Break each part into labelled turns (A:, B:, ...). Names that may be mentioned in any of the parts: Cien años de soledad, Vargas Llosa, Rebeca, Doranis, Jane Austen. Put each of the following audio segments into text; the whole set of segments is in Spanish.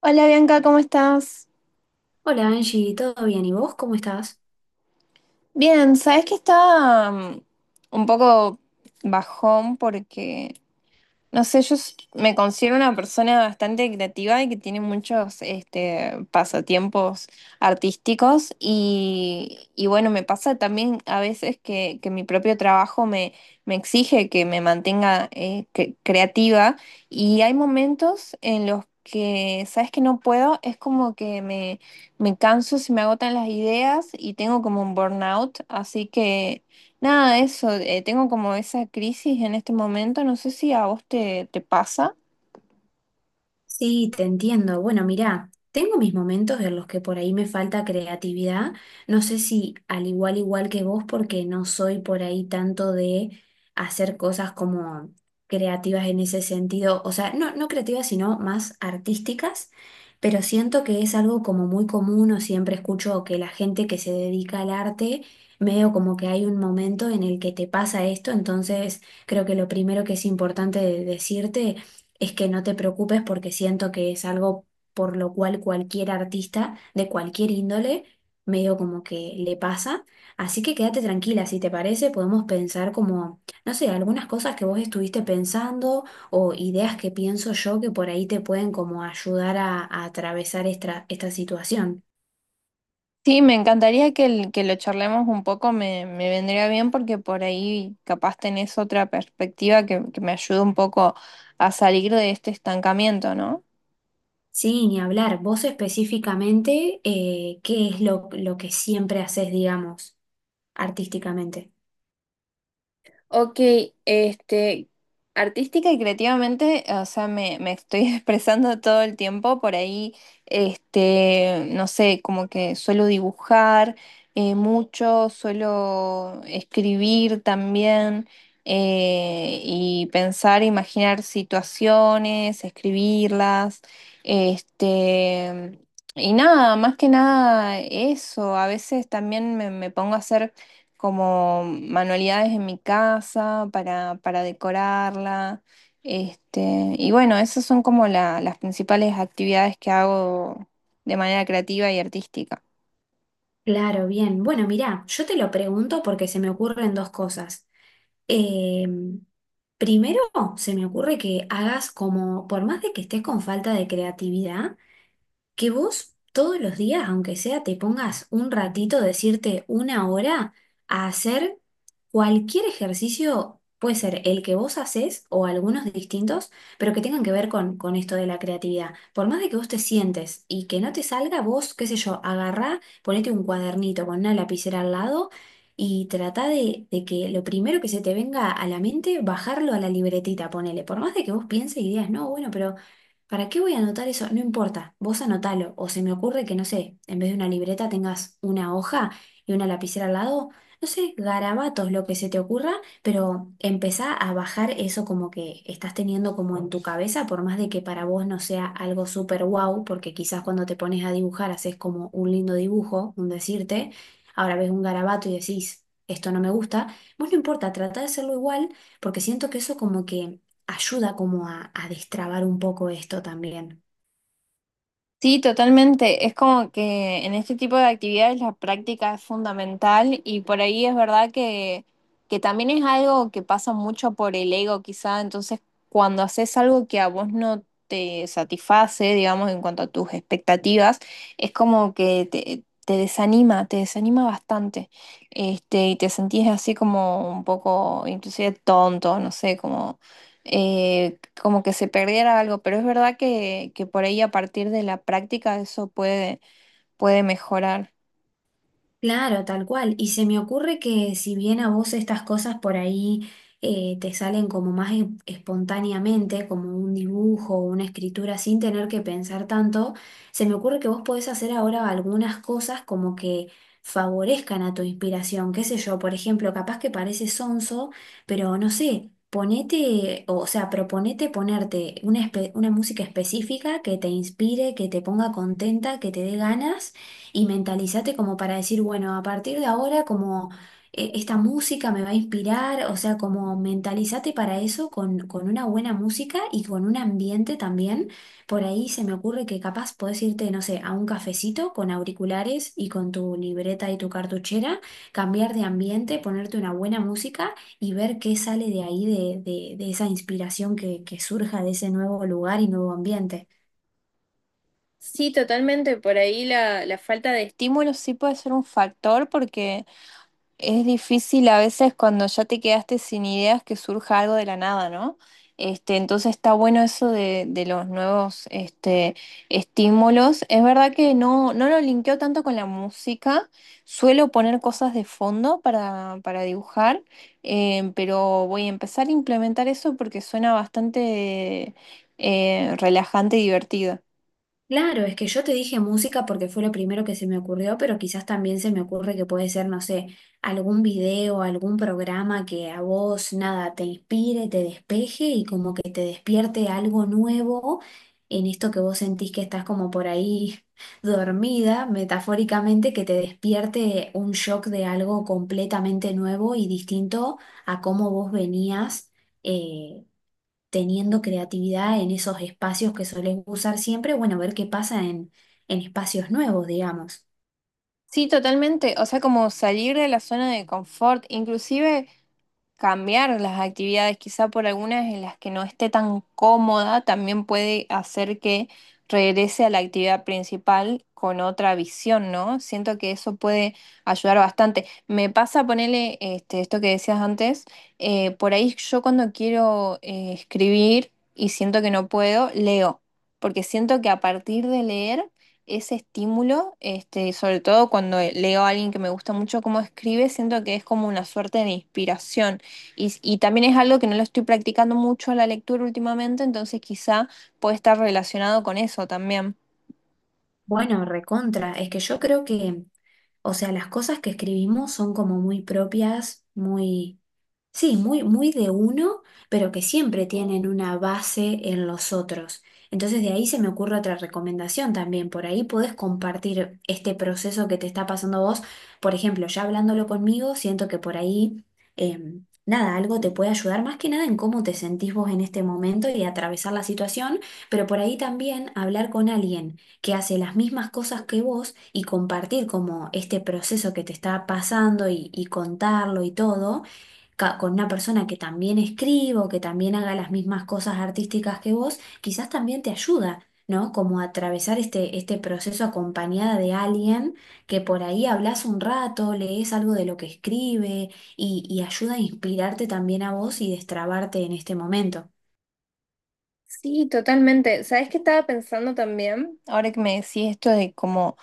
A: Hola Bianca, ¿cómo estás?
B: Hola Angie, ¿todo bien? ¿Y vos cómo estás?
A: Bien, sabes que estaba un poco bajón porque no sé, me considero una persona bastante creativa y que tiene muchos pasatiempos artísticos y bueno, me pasa también a veces que mi propio trabajo me exige que me mantenga creativa, y hay momentos en los que, sabes que no puedo, es como que me canso, se me agotan las ideas y tengo como un burnout, así que... Nada, eso, tengo como esa crisis en este momento, no sé si a vos te pasa.
B: Sí, te entiendo. Bueno, mirá, tengo mis momentos en los que por ahí me falta creatividad. No sé si al igual que vos, porque no soy por ahí tanto de hacer cosas como creativas en ese sentido. O sea, no creativas, sino más artísticas. Pero siento que es algo como muy común, o siempre escucho que la gente que se dedica al arte, medio como que hay un momento en el que te pasa esto. Entonces, creo que lo primero que es importante decirte es que no te preocupes, porque siento que es algo por lo cual cualquier artista de cualquier índole medio como que le pasa. Así que quédate tranquila, si te parece, podemos pensar como, no sé, algunas cosas que vos estuviste pensando, o ideas que pienso yo que por ahí te pueden como ayudar a atravesar esta, esta situación.
A: Sí, me encantaría que lo charlemos un poco, me vendría bien porque por ahí capaz tenés otra perspectiva que me ayude un poco a salir de este estancamiento, ¿no?
B: Sí, ni hablar. Vos específicamente, ¿qué es lo que siempre haces, digamos, artísticamente?
A: Ok, este, artística y creativamente, o sea, me estoy expresando todo el tiempo por ahí, no sé, como que suelo dibujar mucho, suelo escribir también, y pensar, imaginar situaciones, escribirlas, este, y nada, más que nada eso. A veces también me pongo a hacer como manualidades en mi casa para decorarla. Y bueno, esas son como las principales actividades que hago de manera creativa y artística.
B: Claro, bien. Bueno, mirá, yo te lo pregunto porque se me ocurren dos cosas. Eh, Primero, se me ocurre que hagas como, por más de que estés con falta de creatividad, que vos todos los días, aunque sea, te pongas un ratito, decirte una hora, a hacer cualquier ejercicio, puede ser el que vos haces o algunos distintos, pero que tengan que ver con esto de la creatividad. Por más de que vos te sientes y que no te salga, vos, qué sé yo, agarrá, ponete un cuadernito con una lapicera al lado. Y trata de que lo primero que se te venga a la mente, bajarlo a la libretita, ponele. Por más de que vos pienses y digas, no, bueno, pero ¿para qué voy a anotar eso? No importa, vos anotalo. O se me ocurre que, no sé, en vez de una libreta tengas una hoja y una lapicera al lado. No sé, garabatos, lo que se te ocurra, pero empezá a bajar eso como que estás teniendo como en tu cabeza, por más de que para vos no sea algo súper wow, porque quizás cuando te pones a dibujar haces como un lindo dibujo, un decirte, ahora ves un garabato y decís, esto no me gusta, vos no importa, trata de hacerlo igual, porque siento que eso como que ayuda como a destrabar un poco esto también.
A: Sí, totalmente. Es como que en este tipo de actividades la práctica es fundamental y por ahí es verdad que también es algo que pasa mucho por el ego quizá. Entonces, cuando haces algo que a vos no te satisface, digamos, en cuanto a tus expectativas, es como que te desanima bastante. Y te sentís así como un poco, inclusive tonto, no sé, como como que se perdiera algo, pero es verdad que por ahí a partir de la práctica eso puede mejorar.
B: Claro, tal cual. Y se me ocurre que si bien a vos estas cosas por ahí te salen como más espontáneamente, como un dibujo o una escritura sin tener que pensar tanto, se me ocurre que vos podés hacer ahora algunas cosas como que favorezcan a tu inspiración. Qué sé yo, por ejemplo, capaz que parece sonso, pero no sé, ponete, o sea, proponete ponerte una, una música específica que te inspire, que te ponga contenta, que te dé ganas, y mentalízate como para decir, bueno, a partir de ahora como esta música me va a inspirar, o sea, como mentalízate para eso con una buena música y con un ambiente también. Por ahí se me ocurre que capaz podés irte, no sé, a un cafecito con auriculares y con tu libreta y tu cartuchera, cambiar de ambiente, ponerte una buena música y ver qué sale de ahí, de, de esa inspiración que surja de ese nuevo lugar y nuevo ambiente.
A: Sí, totalmente. Por ahí la falta de estímulo sí puede ser un factor porque es difícil a veces cuando ya te quedaste sin ideas que surja algo de la nada, ¿no? Entonces está bueno eso de los nuevos estímulos. Es verdad que no, no lo linkeo tanto con la música. Suelo poner cosas de fondo para dibujar, pero voy a empezar a implementar eso porque suena bastante relajante y divertido.
B: Claro, es que yo te dije música porque fue lo primero que se me ocurrió, pero quizás también se me ocurre que puede ser, no sé, algún video, algún programa que a vos nada te inspire, te despeje y como que te despierte algo nuevo en esto que vos sentís que estás como por ahí dormida, metafóricamente, que te despierte un shock de algo completamente nuevo y distinto a cómo vos venías. eh, Teniendo creatividad en esos espacios que solés usar siempre, bueno, ver qué pasa en espacios nuevos, digamos.
A: Sí, totalmente. O sea, como salir de la zona de confort, inclusive cambiar las actividades, quizá por algunas en las que no esté tan cómoda, también puede hacer que regrese a la actividad principal con otra visión, ¿no? Siento que eso puede ayudar bastante. Me pasa ponerle esto que decías antes. Por ahí yo cuando quiero escribir y siento que no puedo, leo, porque siento que a partir de leer... ese estímulo, sobre todo cuando leo a alguien que me gusta mucho cómo escribe, siento que es como una suerte de inspiración. Y también es algo que no lo estoy practicando mucho la lectura últimamente, entonces quizá puede estar relacionado con eso también.
B: Bueno, recontra, es que yo creo que, o sea, las cosas que escribimos son como muy propias, muy, sí, muy, muy de uno, pero que siempre tienen una base en los otros. Entonces de ahí se me ocurre otra recomendación también, por ahí podés compartir este proceso que te está pasando a vos, por ejemplo, ya hablándolo conmigo, siento que por ahí, nada, algo te puede ayudar más que nada en cómo te sentís vos en este momento y atravesar la situación, pero por ahí también hablar con alguien que hace las mismas cosas que vos y compartir como este proceso que te está pasando y contarlo y todo con una persona que también escriba o que también haga las mismas cosas artísticas que vos, quizás también te ayuda, ¿no? Como a atravesar este, este proceso acompañada de alguien que por ahí hablas un rato, lees algo de lo que escribe y ayuda a inspirarte también a vos y destrabarte en este momento.
A: Sí, totalmente. ¿Sabes qué estaba pensando también? Ahora que me decís esto de cómo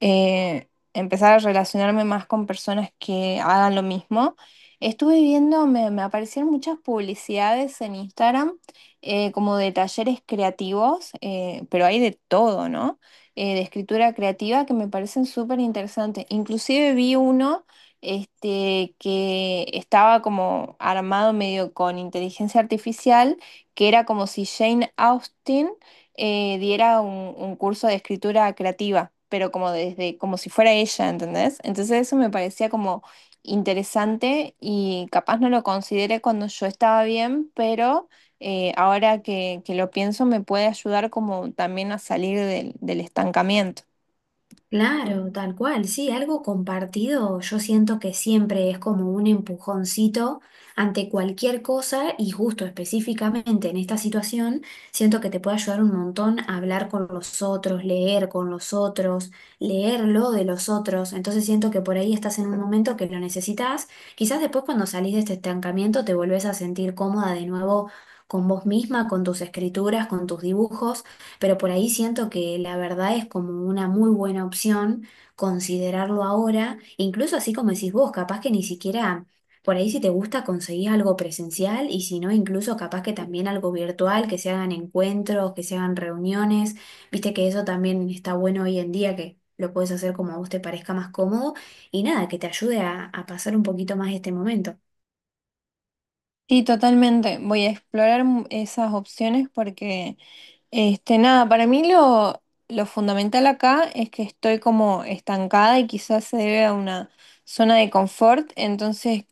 A: empezar a relacionarme más con personas que hagan lo mismo, estuve viendo, me aparecieron muchas publicidades en Instagram, como de talleres creativos, pero hay de todo, ¿no? De escritura creativa que me parecen súper interesantes. Inclusive vi uno que estaba como armado medio con inteligencia artificial, que era como si Jane Austen, diera un curso de escritura creativa, pero como desde, como si fuera ella, ¿entendés? Entonces eso me parecía como interesante, y capaz no lo consideré cuando yo estaba bien, pero ahora que lo pienso me puede ayudar como también a salir del estancamiento.
B: Claro, tal cual, sí, algo compartido yo siento que siempre es como un empujoncito ante cualquier cosa, y justo específicamente en esta situación siento que te puede ayudar un montón a hablar con los otros, leer con los otros, leerlo de los otros, entonces siento que por ahí estás en un momento que lo necesitas, quizás después cuando salís de este estancamiento te volvés a sentir cómoda de nuevo con vos misma, con tus escrituras, con tus dibujos, pero por ahí siento que la verdad es como una muy buena opción considerarlo ahora, incluso así como decís vos, capaz que ni siquiera, por ahí si te gusta conseguís algo presencial y si no, incluso capaz que también algo virtual, que se hagan encuentros, que se hagan reuniones, viste que eso también está bueno hoy en día que... Lo puedes hacer como a vos te parezca más cómodo y nada, que te ayude a pasar un poquito más este momento.
A: Sí, totalmente. Voy a explorar esas opciones porque nada, para mí lo fundamental acá es que estoy como estancada y quizás se debe a una zona de confort. Entonces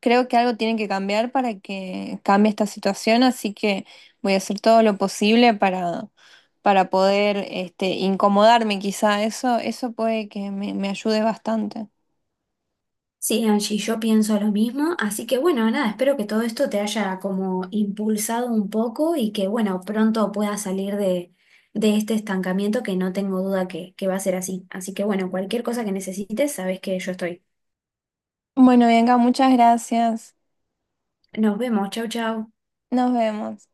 A: creo que algo tiene que cambiar para que cambie esta situación, así que voy a hacer todo lo posible para poder incomodarme, quizá eso, eso puede que me ayude bastante.
B: Sí, Angie, yo pienso lo mismo, así que bueno, nada, espero que todo esto te haya como impulsado un poco y que bueno, pronto puedas salir de este estancamiento que no tengo duda que va a ser así. Así que bueno, cualquier cosa que necesites, sabes que yo estoy.
A: Bueno, Bianca, muchas gracias.
B: Nos vemos, chau, chau.
A: Nos vemos.